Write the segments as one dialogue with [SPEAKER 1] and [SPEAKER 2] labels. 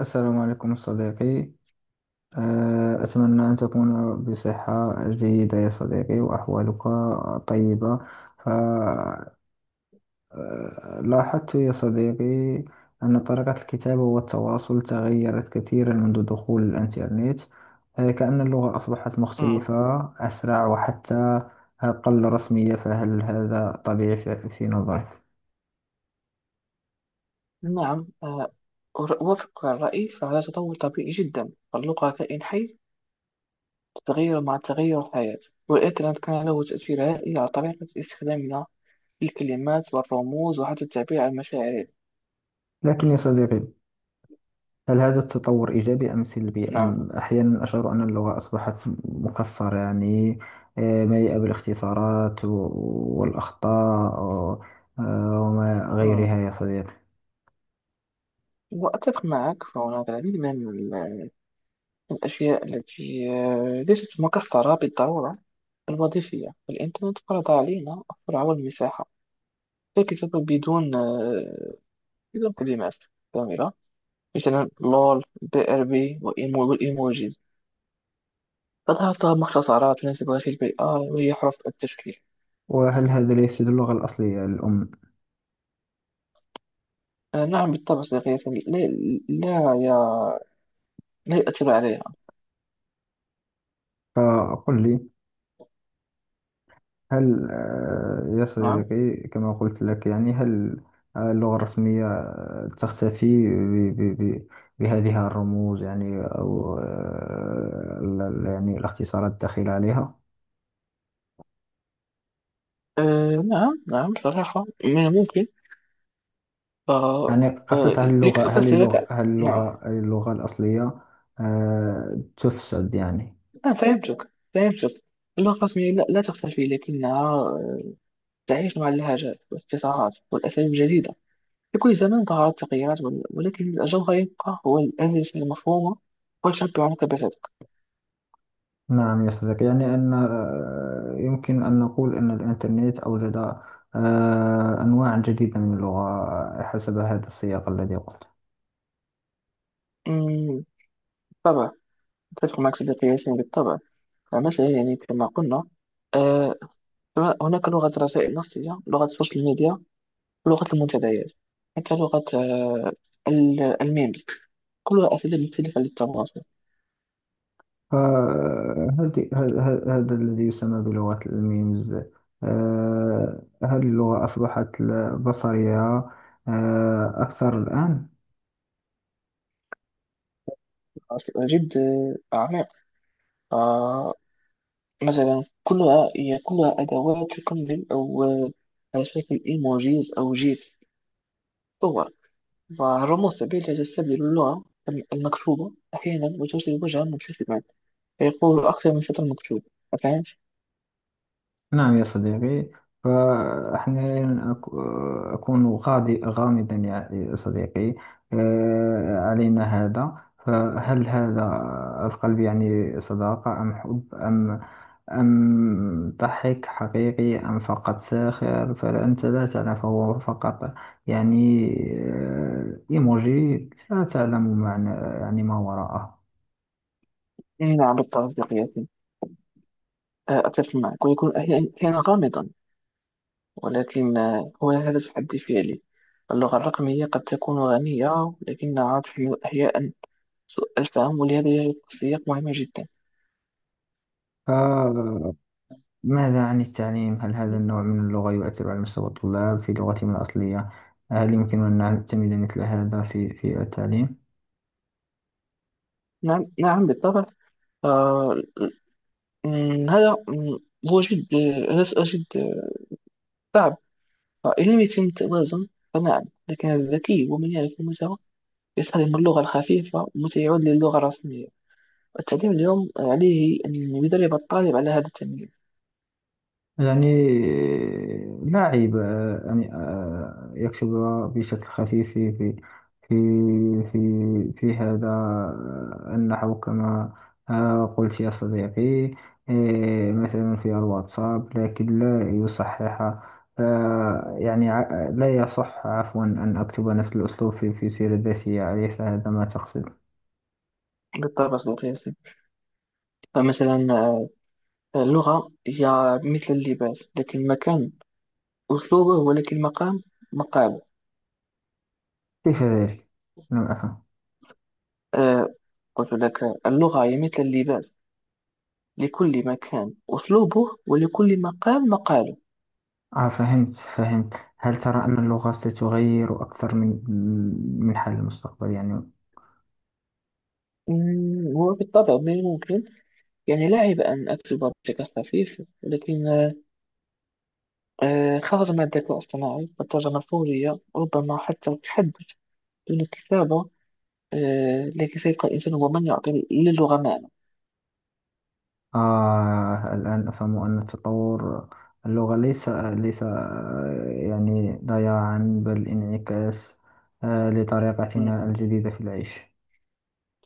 [SPEAKER 1] السلام عليكم صديقي. أتمنى أن تكون بصحة جيدة يا صديقي وأحوالك طيبة. فلاحظت يا صديقي أن طريقة الكتابة والتواصل تغيرت كثيرا منذ دخول الإنترنت. كأن اللغة أصبحت
[SPEAKER 2] مم.
[SPEAKER 1] مختلفة، أسرع، وحتى أقل رسمية. فهل هذا طبيعي في نظرك؟
[SPEAKER 2] نعم أوافقك على الرأي، فهذا تطور طبيعي جدا، فاللغة كائن حي تتغير مع تغير الحياة. والإنترنت كان له تأثير هائل على طريقة استخدامنا للكلمات والرموز وحتى التعبير عن مشاعرنا.
[SPEAKER 1] لكن يا صديقي، هل هذا التطور إيجابي أم سلبي؟ أم
[SPEAKER 2] نعم.
[SPEAKER 1] أحيانا أشعر أن اللغة أصبحت مكسرة، يعني مليئة بالاختصارات والأخطاء وما غيرها
[SPEAKER 2] مم.
[SPEAKER 1] يا صديقي.
[SPEAKER 2] وأتفق معك، فهناك العديد من الأشياء التي ليست مكسرة بالضرورة الوظيفية. الإنترنت فرض علينا السرعة والمساحة، لكن بدون بدون كلمات كاملة، مثلا لول، بي ار بي، والايموجيز تظهر، مختصرات تناسب هذه البيئة، وهي حروف التشكيل.
[SPEAKER 1] وهل هذا لا يفسد اللغة الأصلية الأم؟
[SPEAKER 2] آه نعم، بالطبع صديقي ياسمين. لا يا لا يؤثر عليها.
[SPEAKER 1] فقل لي، هل يا
[SPEAKER 2] نعم.
[SPEAKER 1] صديقي، كما قلت لك يعني، هل اللغة الرسمية تختفي بهذه الرموز؟ يعني أو يعني الاختصارات الداخلة عليها.
[SPEAKER 2] آه نعم، صراحة من الممكن. آه
[SPEAKER 1] يعني قصة،
[SPEAKER 2] آه
[SPEAKER 1] هل اللغة،
[SPEAKER 2] لكي
[SPEAKER 1] هل
[SPEAKER 2] أفسر
[SPEAKER 1] اللغة
[SPEAKER 2] لك.
[SPEAKER 1] هل
[SPEAKER 2] نعم.
[SPEAKER 1] اللغة هل اللغة الأصلية تفسد، يعني؟
[SPEAKER 2] فهمتك. اللغة الرسمية لا تختفي، لكنها تعيش مع اللهجات والابتسامات والأساليب الجديدة. في كل زمان ظهرت تغييرات، ولكن الجوهر يبقى هو الأساس المفهومة، وتشبع عنك بذاتك.
[SPEAKER 1] نعم يا صديقي، يعني أن يمكن أن نقول أن الإنترنت أوجد أنواع جديدة من اللغة حسب هذا السياق الذي قلت.
[SPEAKER 2] أمم، بالطبع، أتفق معك صديقي ياسين، بالطبع. مثلا يعني كما قلنا، آه هناك لغة الرسائل النصية، لغة السوشيال ميديا، ولغة المنتديات، حتى لغة الميمز، كلها أساليب مختلفة للتواصل.
[SPEAKER 1] فهذه هذا الذي يسمى بلغة الميمز. هل اللغة أصبحت بصرية أكثر الآن؟
[SPEAKER 2] جد عميق. آه مثلا كلها أدوات تكمل، أو على شكل إيموجيز أو جيف، صور ورموز، سبيل تستبدل اللغة المكتوبة أحيانا، وترسل وجها مبتسما فيقول أكثر من سطر مكتوب. فهمت؟
[SPEAKER 1] نعم يا صديقي. فأحيانا أكون غادي غامضا يا صديقي علينا هذا. فهل هذا القلب يعني صداقة أم حب أم أم ضحك حقيقي أم فقط ساخر؟ فأنت لا تعلم، فهو فقط يعني إيموجي، لا تعلم معنى يعني ما
[SPEAKER 2] نعم، بالطبع صديقي. أتفق معك، ويكون أحيانا غامضا، ولكن هو هذا تحدي فعلي. اللغة الرقمية قد تكون غنية، لكنها تحمل أحيانا سوء الفهم، ولهذا يجب السياق مهمة جدا.
[SPEAKER 1] وراءه. ماذا عن التعليم؟ هل هذا النوع من اللغة يؤثر على مستوى الطلاب في لغتهم الأصلية؟ هل يمكننا أن نعتمد مثل هذا في التعليم؟
[SPEAKER 2] نعم. نعم بالطبع. آه، م- هذا م- هو جد هذا سؤال جد صعب. فإن لم يتم التوازن، فنعم، لكن الذكي ومن يعرف قيمته يستخدم اللغة الخفيفة، متى يعود للغة الرسمية. التعليم اليوم عليه أن يدرب الطالب على هذا التمييز.
[SPEAKER 1] يعني لا عيب أن يكتب بشكل خفيف في في هذا النحو، كما قلت يا صديقي. مثلا في الواتساب. لكن لا يصحح، لا يصح عفوا، أن أكتب نفس الأسلوب في سيرة ذاتية. أليس هذا ما تقصد؟
[SPEAKER 2] بالطبع القياسي. فمثلا، اللغة هي مثل اللباس، لكن المكان أسلوبه، ولكن المقام مقاله.
[SPEAKER 1] كيف ذلك؟ لم أفهم.
[SPEAKER 2] آه، قلت لك، اللغة هي مثل اللباس، لكل مكان أسلوبه، ولكل مقام مقاله.
[SPEAKER 1] فهمت فهمت. هل ترى أن اللغة ستغير أكثر من من حال المستقبل، يعني؟
[SPEAKER 2] هو بالطبع من الممكن. يعني لا عيب أن أكتب بشكل خفيف، لكن خرج من الذكاء الصناعي والترجمة الفورية، ربما حتى التحدث دون الكتابة. لكن سيبقى الإنسان هو من يعطي للغة معنى.
[SPEAKER 1] الآن أفهم أن تطور اللغة ليس ليس آه، يعني ضياعا، بل انعكاس لطريقتنا
[SPEAKER 2] مم.
[SPEAKER 1] الجديدة في العيش.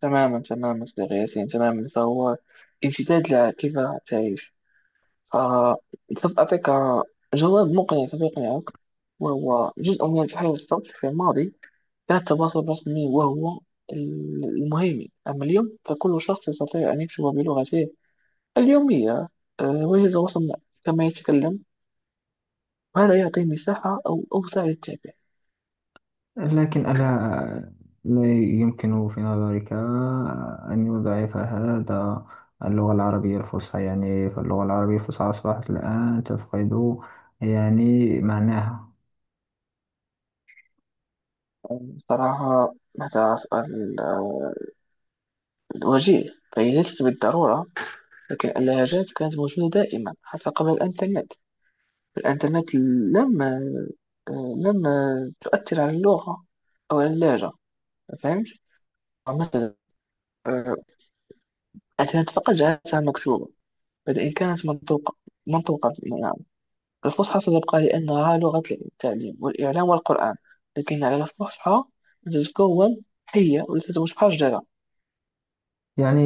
[SPEAKER 2] تماما صديقي ياسين، تماما، فهو امتداد لكيف تعيش. فسوف أعطيك جواب مقنع، سوف يقنعك، وهو جزء من التحول الصوتي. في الماضي كان التواصل الرسمي وهو المهم، أما اليوم فكل شخص يستطيع أن يكتب بلغته اليومية، وجه التواصل كما يتكلم، وهذا يعطي مساحة أوسع للتعبير.
[SPEAKER 1] لكن ألا آه، لا يمكن في نظرك أن يضعف هذا اللغة العربية الفصحى؟ يعني فاللغة العربية الفصحى أصبحت الآن تفقد يعني معناها.
[SPEAKER 2] يعني صراحة، هذا سؤال وجيه، فهي ليست بالضرورة، لكن اللهجات كانت موجودة دائما حتى قبل الإنترنت. الإنترنت لم تؤثر على اللغة أو على اللهجة. فهمت؟ مثلا، آه، الإنترنت فقط جعلتها مكتوبة بدل إن كانت منطوقة. الفصحى ستبقى لأنها لغة التعليم والإعلام والقرآن، لكن على الفصحى أن تتكون حية وليست متحجرة.
[SPEAKER 1] يعني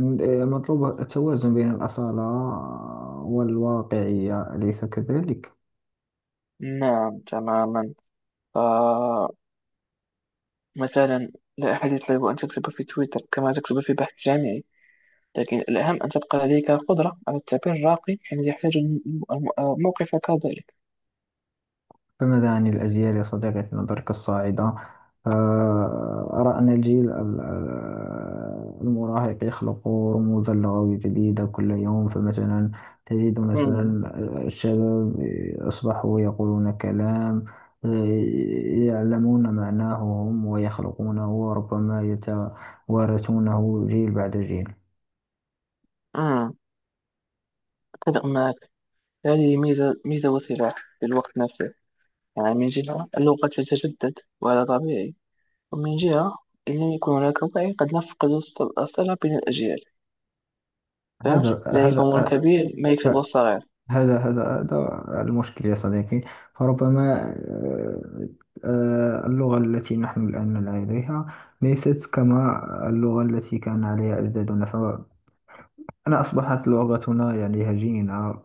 [SPEAKER 1] مطلوب التوازن بين الأصالة والواقعية، أليس كذلك؟
[SPEAKER 2] نعم تماما. فمثلا لا أحد يطلب أن تكتب في تويتر كما تكتب في بحث جامعي، لكن الأهم أن تبقى لديك القدرة على التعبير الراقي حين يحتاج موقفك ذلك.
[SPEAKER 1] فماذا عن الأجيال يا صديقي في نظرك الصاعدة؟ أرى أن الجيل المراهق يخلق رموزا لغوية جديدة كل يوم. فمثلا تجد
[SPEAKER 2] أمم،
[SPEAKER 1] مثلا الشباب أصبحوا يقولون كلام آه، يعلمون معناه هم ويخلقونه وربما يتوارثونه جيل بعد جيل.
[SPEAKER 2] أمم، أتفق معك. هذه ميزة وسلاح في الوقت نفسه. يعني من جهة اللغة تتجدد وهذا طبيعي، ومن جهة إن يكون هناك وعي قد نفقد الصلة بين الأجيال. فهمت؟
[SPEAKER 1] هذا
[SPEAKER 2] لا يفهم
[SPEAKER 1] هذا
[SPEAKER 2] الكبير ما يكتبه الصغير.
[SPEAKER 1] هذا هذا هذا المشكل يا صديقي. فربما آه، اللغة التي نحن الآن لديها ليست كما اللغة التي كان عليها أجدادنا. فأنا أصبحت لغتنا يعني هجينة،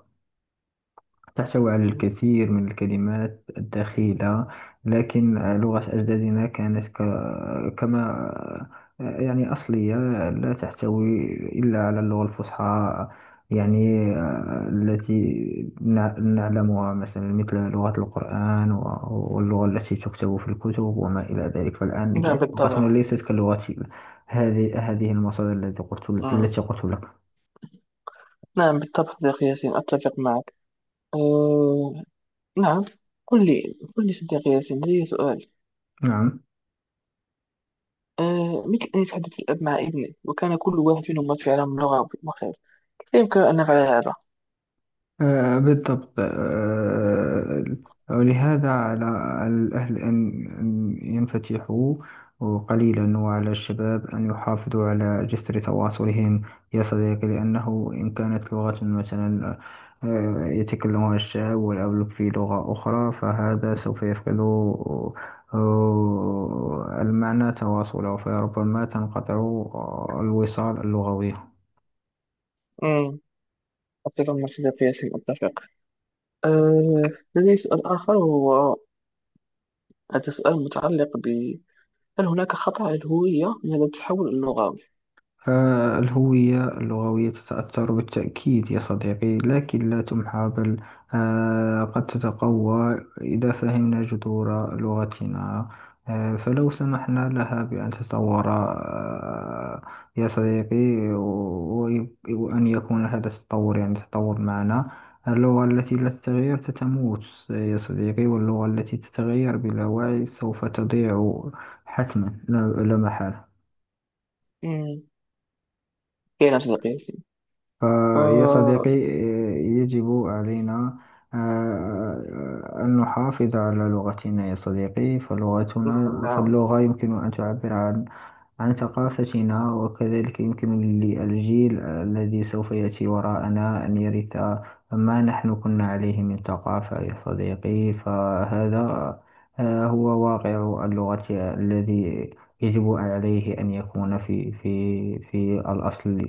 [SPEAKER 1] تحتوي على الكثير من الكلمات الدخيلة. لكن لغة أجدادنا كانت كما يعني أصلية، لا تحتوي إلا على اللغة الفصحى، يعني التي نعلمها، مثلا مثل لغة القرآن واللغة التي تكتب في الكتب وما إلى ذلك. فالآن
[SPEAKER 2] نعم
[SPEAKER 1] لغتنا
[SPEAKER 2] بالطبع.
[SPEAKER 1] ليست كلغة هذه المصادر التي قلت
[SPEAKER 2] مم.
[SPEAKER 1] التي قلت لك.
[SPEAKER 2] نعم بالطبع صديقي ياسين، أتفق معك. أه... نعم. قل لي صديقي ياسين، لدي سؤال.
[SPEAKER 1] نعم
[SPEAKER 2] مثل أن يتحدث الأب مع ابنه، وكان كل واحد منهما في عالم لغة مختلف، كيف يمكن أن نفعل هذا؟
[SPEAKER 1] بالضبط. ولهذا على الأهل أن ينفتحوا قليلا، وعلى الشباب أن يحافظوا على جسر تواصلهم يا صديقي. لأنه إن كانت لغة مثلا يتكلمها الشاب والأولوك في لغة أخرى، فهذا سوف يفقد المعنى تواصله، فربما تنقطع الوصال اللغوي.
[SPEAKER 2] مم. أتفق مع صديقي ياسين، أتفق. أه... لدي سؤال آخر، وهو، هذا سؤال متعلق ب، هل هناك خطر على الهوية من هذا التحول اللغوي؟
[SPEAKER 1] فالهوية اللغوية تتأثر بالتأكيد يا صديقي، لكن لا تمحى، بل قد تتقوى إذا فهمنا جذور لغتنا. فلو سمحنا لها بأن تتطور يا صديقي، وأن يكون هذا التطور يعني تطور معنا. اللغة التي لا تتغير تتموت يا صديقي، واللغة التي تتغير بلا وعي سوف تضيع حتما لا محالة.
[SPEAKER 2] مم، كاين صديقي ياسين.
[SPEAKER 1] فيا
[SPEAKER 2] آه،
[SPEAKER 1] صديقي يجب علينا أن نحافظ على لغتنا يا صديقي.
[SPEAKER 2] نعم
[SPEAKER 1] فاللغة يمكن أن تعبر عن عن ثقافتنا، وكذلك يمكن للجيل الذي سوف يأتي وراءنا أن يرث ما نحن كنا عليه من ثقافة يا صديقي. فهذا هو واقع اللغة الذي يجب عليه أن يكون في الأصل.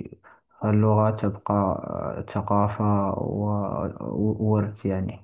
[SPEAKER 1] اللغة تبقى ثقافة وورث، يعني